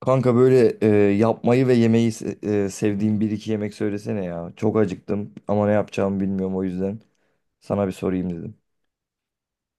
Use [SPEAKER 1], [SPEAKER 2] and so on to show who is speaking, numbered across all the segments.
[SPEAKER 1] Kanka böyle yapmayı ve yemeyi sevdiğim bir iki yemek söylesene ya. Çok acıktım ama ne yapacağımı bilmiyorum, o yüzden sana bir sorayım dedim.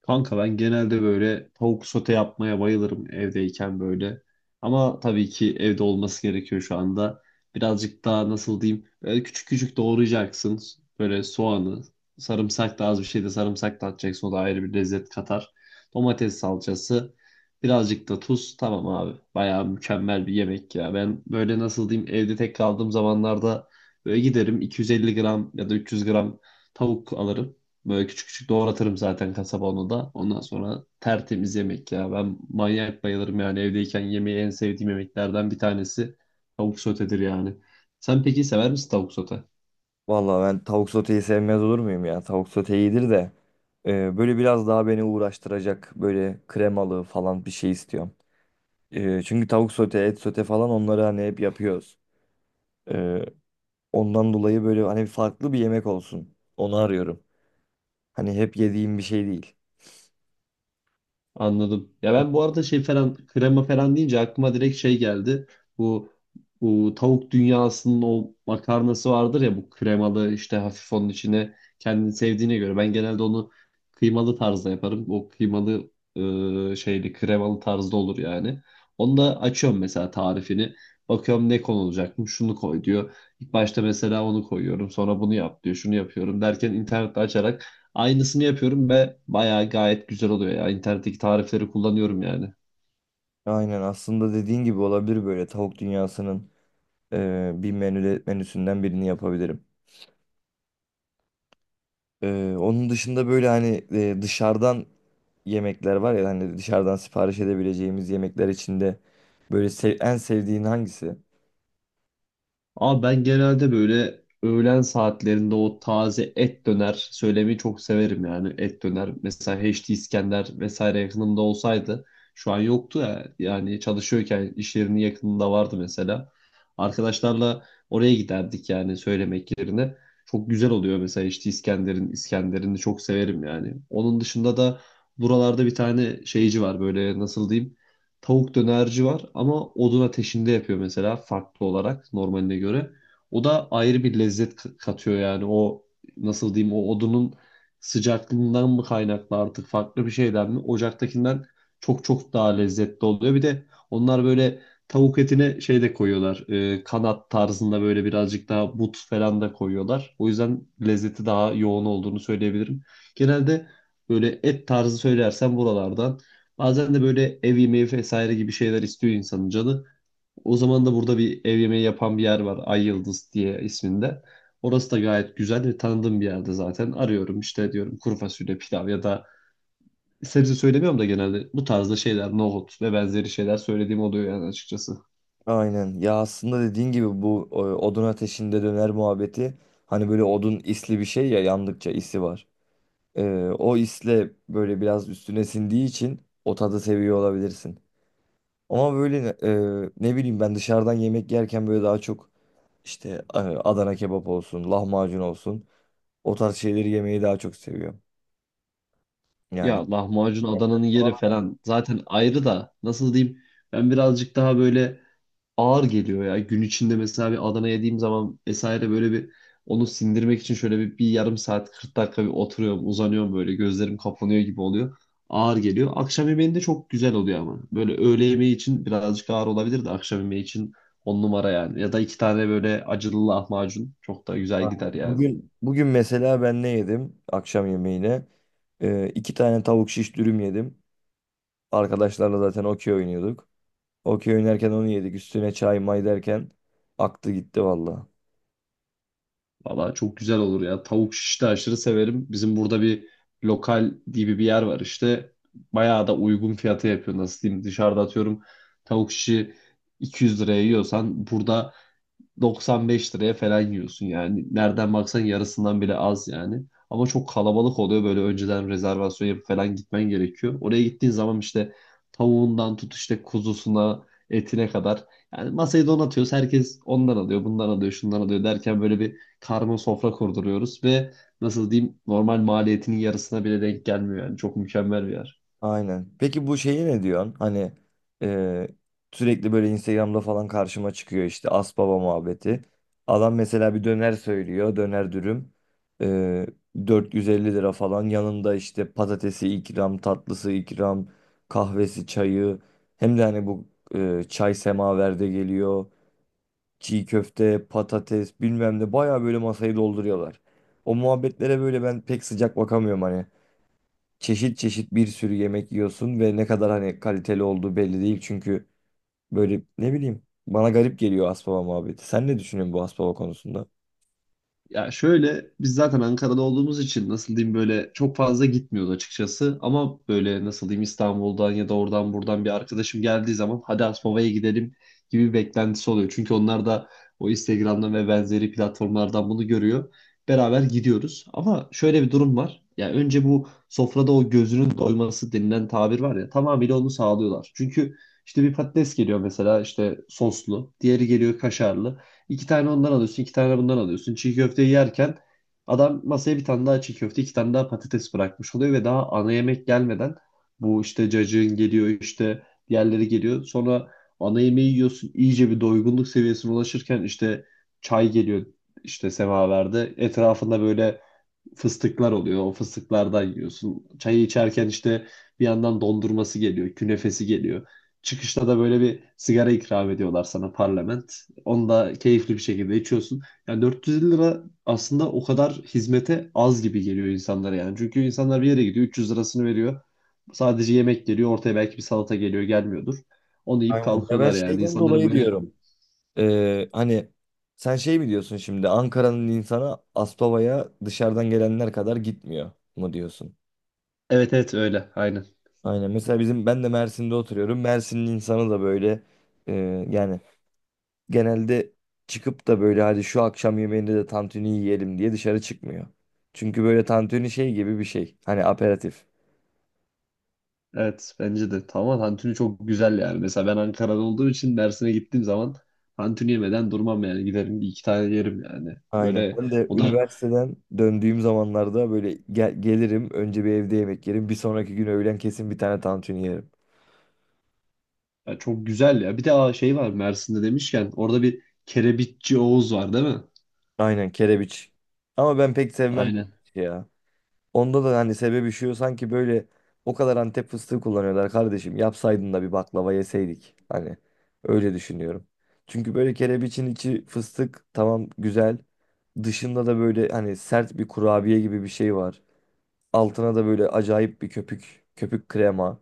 [SPEAKER 2] Kanka ben genelde böyle tavuk sote yapmaya bayılırım evdeyken böyle. Ama tabii ki evde olması gerekiyor şu anda. Birazcık daha nasıl diyeyim böyle küçük küçük doğrayacaksın. Böyle soğanı, sarımsak da az bir şey de sarımsak da atacaksın. O da ayrı bir lezzet katar. Domates salçası, birazcık da tuz. Tamam abi bayağı mükemmel bir yemek ya. Ben böyle nasıl diyeyim evde tek kaldığım zamanlarda böyle giderim 250 gram ya da 300 gram tavuk alırım. Böyle küçük küçük doğratırım zaten kasaba onu da. Ondan sonra tertemiz yemek ya. Ben manyak bayılırım yani evdeyken yemeği en sevdiğim yemeklerden bir tanesi tavuk sotedir yani. Sen peki sever misin tavuk sote?
[SPEAKER 1] Vallahi ben tavuk soteyi sevmez olur muyum ya? Tavuk sote iyidir de böyle biraz daha beni uğraştıracak böyle kremalı falan bir şey istiyorum. Çünkü tavuk sote, et sote falan onları hani hep yapıyoruz. E, Ondan dolayı böyle hani farklı bir yemek olsun. Onu arıyorum. Hani hep yediğim bir şey değil.
[SPEAKER 2] Anladım. Ya ben bu arada şey falan krema falan deyince aklıma direkt şey geldi. Bu, bu tavuk dünyasının o makarnası vardır ya bu kremalı işte hafif onun içine kendini sevdiğine göre. Ben genelde onu kıymalı tarzda yaparım. O kıymalı şeyli kremalı tarzda olur yani. Onu da açıyorum mesela tarifini. Bakıyorum ne konulacak mı? Şunu koy diyor. İlk başta mesela onu koyuyorum. Sonra bunu yap diyor. Şunu yapıyorum derken internette açarak aynısını yapıyorum ve bayağı gayet güzel oluyor ya. İnternetteki tarifleri kullanıyorum yani.
[SPEAKER 1] Aynen, aslında dediğin gibi olabilir, böyle tavuk dünyasının bir menüsünden birini yapabilirim. Onun dışında böyle hani dışarıdan yemekler var ya, hani dışarıdan sipariş edebileceğimiz yemekler içinde böyle en sevdiğin hangisi?
[SPEAKER 2] Ama ben genelde böyle öğlen saatlerinde o taze et döner söylemeyi çok severim yani. Et döner mesela H D İskender vesaire yakınımda olsaydı şu an yoktu ya. Yani çalışıyorken iş yerinin yakınında vardı mesela. Arkadaşlarla oraya giderdik yani söylemek yerine. Çok güzel oluyor mesela H D İskender'in İskender'ini çok severim yani. Onun dışında da buralarda bir tane şeyci var böyle nasıl diyeyim tavuk dönerci var ama odun ateşinde yapıyor mesela farklı olarak normaline göre. O da ayrı bir lezzet katıyor yani o nasıl diyeyim o odunun sıcaklığından mı kaynaklı artık farklı bir şeyden mi? Ocaktakinden çok çok daha lezzetli oluyor. Bir de onlar böyle tavuk etine şey de koyuyorlar. Kanat tarzında böyle birazcık daha but falan da koyuyorlar. O yüzden lezzeti daha yoğun olduğunu söyleyebilirim. Genelde böyle et tarzı söylersem buralardan bazen de böyle ev yemeği vesaire gibi şeyler istiyor insanın canı. O zaman da burada bir ev yemeği yapan bir yer var. Ay Yıldız diye isminde. Orası da gayet güzel ve tanıdığım bir yerde zaten. Arıyorum işte diyorum kuru fasulye, pilav ya da sebze söylemiyorum da genelde bu tarzda şeyler, nohut ve benzeri şeyler söylediğim oluyor yani açıkçası.
[SPEAKER 1] Aynen ya, aslında dediğin gibi bu odun ateşinde döner muhabbeti, hani böyle odun isli bir şey ya, yandıkça isi var. O isle böyle biraz üstüne sindiği için o tadı seviyor olabilirsin. Ama böyle ne bileyim, ben dışarıdan yemek yerken böyle daha çok işte Adana kebap olsun, lahmacun olsun, o tarz şeyleri yemeyi daha çok seviyorum.
[SPEAKER 2] Ya
[SPEAKER 1] Yani
[SPEAKER 2] lahmacun Adana'nın yeri falan zaten ayrı da nasıl diyeyim ben birazcık daha böyle ağır geliyor ya. Gün içinde mesela bir Adana yediğim zaman vesaire böyle bir onu sindirmek için şöyle bir yarım saat 40 dakika bir oturuyorum, uzanıyorum böyle gözlerim kapanıyor gibi oluyor. Ağır geliyor. Akşam yemeğinde çok güzel oluyor ama. Böyle öğle yemeği için birazcık ağır olabilir de akşam yemeği için on numara yani. Ya da iki tane böyle acılı lahmacun çok da güzel gider
[SPEAKER 1] aynen.
[SPEAKER 2] yani.
[SPEAKER 1] Bugün mesela ben ne yedim akşam yemeğine? İki tane tavuk şiş dürüm yedim. Arkadaşlarla zaten okey oynuyorduk. Okey oynarken onu yedik. Üstüne çay may derken aktı gitti valla.
[SPEAKER 2] Valla çok güzel olur ya. Tavuk şiş de aşırı severim. Bizim burada bir lokal gibi bir yer var işte. Bayağı da uygun fiyata yapıyor. Nasıl diyeyim? Dışarıda atıyorum tavuk şişi 200 liraya yiyorsan burada 95 liraya falan yiyorsun yani. Nereden baksan yarısından bile az yani. Ama çok kalabalık oluyor böyle önceden rezervasyon yapıp falan gitmen gerekiyor. Oraya gittiğin zaman işte tavuğundan tut işte kuzusuna, etine kadar. Yani masayı donatıyoruz. Herkes ondan alıyor, bundan alıyor, şundan alıyor derken böyle bir karma sofra kurduruyoruz ve nasıl diyeyim normal maliyetinin yarısına bile denk gelmiyor yani. Çok mükemmel bir yer.
[SPEAKER 1] Aynen. Peki bu şeyi ne diyorsun? Hani e, sürekli böyle Instagram'da falan karşıma çıkıyor işte Asbaba muhabbeti. Adam mesela bir döner söylüyor. Döner dürüm. E, 450 lira falan. Yanında işte patatesi ikram, tatlısı ikram, kahvesi, çayı. Hem de hani bu çay semaverde geliyor. Çiğ köfte, patates bilmem ne. Baya böyle masayı dolduruyorlar. O muhabbetlere böyle ben pek sıcak bakamıyorum, hani çeşit çeşit bir sürü yemek yiyorsun ve ne kadar hani kaliteli olduğu belli değil. Çünkü böyle ne bileyim, bana garip geliyor Aspava muhabbeti. Sen ne düşünüyorsun bu Aspava konusunda?
[SPEAKER 2] Ya şöyle biz zaten Ankara'da olduğumuz için nasıl diyeyim böyle çok fazla gitmiyoruz açıkçası. Ama böyle nasıl diyeyim İstanbul'dan ya da oradan buradan bir arkadaşım geldiği zaman hadi Aspava'ya gidelim gibi bir beklentisi oluyor. Çünkü onlar da o Instagram'dan ve benzeri platformlardan bunu görüyor. Beraber gidiyoruz. Ama şöyle bir durum var. Ya önce bu sofrada o gözünün doyması denilen tabir var ya tamamıyla onu sağlıyorlar. Çünkü işte bir patates geliyor mesela işte soslu, diğeri geliyor kaşarlı. İki tane ondan alıyorsun, iki tane bundan alıyorsun. Çiğ köfteyi yerken adam masaya bir tane daha çiğ köfte, iki tane daha patates bırakmış oluyor ve daha ana yemek gelmeden bu işte cacığın geliyor, işte diğerleri geliyor. Sonra ana yemeği yiyorsun, iyice bir doygunluk seviyesine ulaşırken işte çay geliyor işte semaverde. Etrafında böyle fıstıklar oluyor. O fıstıklardan yiyorsun. Çayı içerken işte bir yandan dondurması geliyor, künefesi geliyor. Çıkışta da böyle bir sigara ikram ediyorlar sana parlament. Onu da keyifli bir şekilde içiyorsun. Yani 450 lira aslında o kadar hizmete az gibi geliyor insanlara yani. Çünkü insanlar bir yere gidiyor 300 lirasını veriyor. Sadece yemek geliyor ortaya belki bir salata geliyor gelmiyordur. Onu yiyip
[SPEAKER 1] Aynen. Ya ben
[SPEAKER 2] kalkıyorlar yani.
[SPEAKER 1] şeyden
[SPEAKER 2] İnsanların
[SPEAKER 1] dolayı
[SPEAKER 2] böyle
[SPEAKER 1] diyorum. Hani sen şey mi diyorsun şimdi, Ankara'nın insana Aspava'ya dışarıdan gelenler kadar gitmiyor mu diyorsun?
[SPEAKER 2] evet evet öyle aynen.
[SPEAKER 1] Aynen. Mesela bizim, ben de Mersin'de oturuyorum. Mersin'in insanı da böyle e, yani genelde çıkıp da böyle hadi şu akşam yemeğinde de tantuni yiyelim diye dışarı çıkmıyor. Çünkü böyle tantuni şey gibi bir şey. Hani aperatif.
[SPEAKER 2] Evet bence de tamam tantuni çok güzel yani. Mesela ben Ankara'da olduğum için Mersin'e gittiğim zaman tantuni yemeden durmam yani. Giderim bir iki tane yerim yani.
[SPEAKER 1] Aynen.
[SPEAKER 2] Böyle
[SPEAKER 1] Ben de
[SPEAKER 2] o da
[SPEAKER 1] üniversiteden döndüğüm zamanlarda böyle gelirim, önce bir evde yemek yerim. Bir sonraki gün öğlen kesin bir tane tantuni yerim.
[SPEAKER 2] ya çok güzel ya. Bir de aa, şey var Mersin'de demişken orada bir kerebitçi Oğuz var değil mi?
[SPEAKER 1] Aynen, kerebiç. Ama ben pek sevmem
[SPEAKER 2] Aynen.
[SPEAKER 1] kerebiç ya. Onda da hani sebebi şu, sanki böyle o kadar Antep fıstığı kullanıyorlar kardeşim. Yapsaydın da bir baklava yeseydik. Hani öyle düşünüyorum. Çünkü böyle kerebiçin içi fıstık, tamam, güzel. Dışında da böyle hani sert bir kurabiye gibi bir şey var. Altına da böyle acayip bir köpük, köpük krema.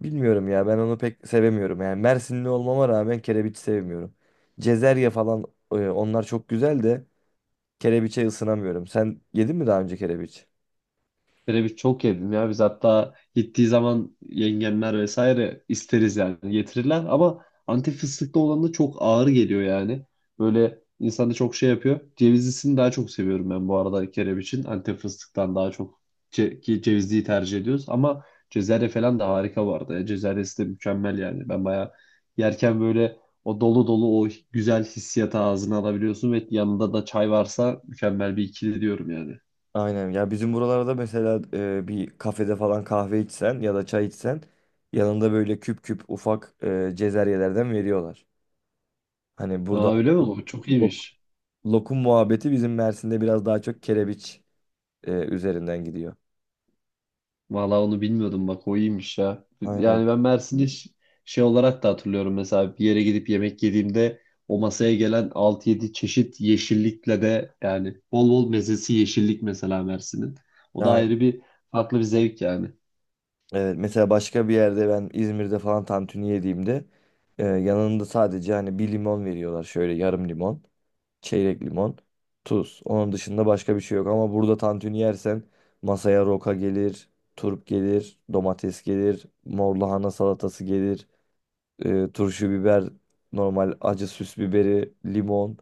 [SPEAKER 1] Bilmiyorum ya, ben onu pek sevemiyorum. Yani Mersinli olmama rağmen kerebiç sevmiyorum. Cezerye falan, onlar çok güzel de kerebiçe ısınamıyorum. Sen yedin mi daha önce kerebiç?
[SPEAKER 2] Kereviç çok yedim ya. Biz hatta gittiği zaman yengemler vesaire isteriz yani getirirler. Ama Antep fıstıklı olan da çok ağır geliyor yani. Böyle insanı çok şey yapıyor. Cevizlisini daha çok seviyorum ben bu arada kereviçin. Antep fıstıktan daha çok ki cevizliyi tercih ediyoruz. Ama cezerye falan da harika vardı. Arada ya. Cezeryesi de mükemmel yani. Ben bayağı yerken böyle o dolu dolu o güzel hissiyatı ağzına alabiliyorsun ve yanında da çay varsa mükemmel bir ikili diyorum yani.
[SPEAKER 1] Aynen ya, bizim buralarda mesela bir kafede falan kahve içsen ya da çay içsen, yanında böyle küp küp ufak cezeryelerden veriyorlar. Hani burada
[SPEAKER 2] Aa öyle mi bu? Çok
[SPEAKER 1] lo-
[SPEAKER 2] iyiymiş.
[SPEAKER 1] lokum muhabbeti, bizim Mersin'de biraz daha çok kerebiç üzerinden gidiyor.
[SPEAKER 2] Valla onu bilmiyordum bak o iyiymiş ya.
[SPEAKER 1] Aynen.
[SPEAKER 2] Yani ben Mersin'i şey olarak da hatırlıyorum mesela bir yere gidip yemek yediğimde o masaya gelen 6-7 çeşit yeşillikle de yani bol bol mezesi yeşillik mesela Mersin'in. O da
[SPEAKER 1] Aynen.
[SPEAKER 2] ayrı bir farklı bir zevk yani.
[SPEAKER 1] Evet, mesela başka bir yerde, ben İzmir'de falan tantuni yediğimde yanında sadece hani bir limon veriyorlar, şöyle yarım limon, çeyrek limon, tuz. Onun dışında başka bir şey yok. Ama burada tantuni yersen masaya roka gelir, turp gelir, domates gelir, mor lahana salatası gelir, turşu biber, normal acı süs biberi, limon.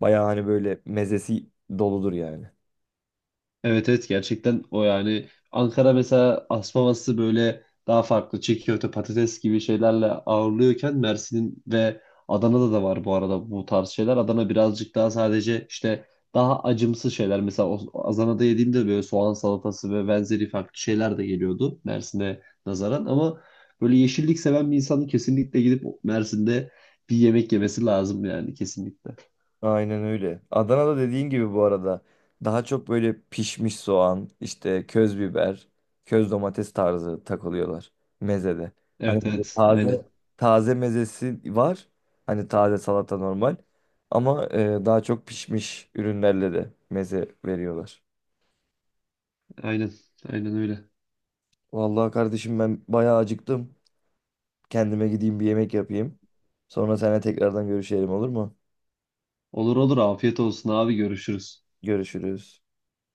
[SPEAKER 1] Bayağı hani böyle mezesi doludur yani.
[SPEAKER 2] Evet evet gerçekten o yani Ankara mesela asmaması böyle daha farklı çiğköfte patates gibi şeylerle ağırlıyorken Mersin'in ve Adana'da da var bu arada bu tarz şeyler. Adana birazcık daha sadece işte daha acımsı şeyler. Mesela Adana'da yediğimde böyle soğan salatası ve benzeri farklı şeyler de geliyordu Mersin'e nazaran ama böyle yeşillik seven bir insanın kesinlikle gidip Mersin'de bir yemek yemesi lazım yani kesinlikle.
[SPEAKER 1] Aynen öyle. Adana'da dediğin gibi bu arada daha çok böyle pişmiş soğan, işte köz biber, köz domates tarzı takılıyorlar mezede. Hani
[SPEAKER 2] Evet
[SPEAKER 1] böyle
[SPEAKER 2] evet
[SPEAKER 1] taze
[SPEAKER 2] aynen
[SPEAKER 1] taze mezesi var. Hani taze salata normal. Ama daha çok pişmiş ürünlerle de meze veriyorlar.
[SPEAKER 2] aynen aynen öyle.
[SPEAKER 1] Vallahi kardeşim ben bayağı acıktım. Kendime gideyim bir yemek yapayım. Sonra seninle tekrardan görüşelim, olur mu?
[SPEAKER 2] Olur olur afiyet olsun abi görüşürüz.
[SPEAKER 1] Görüşürüz.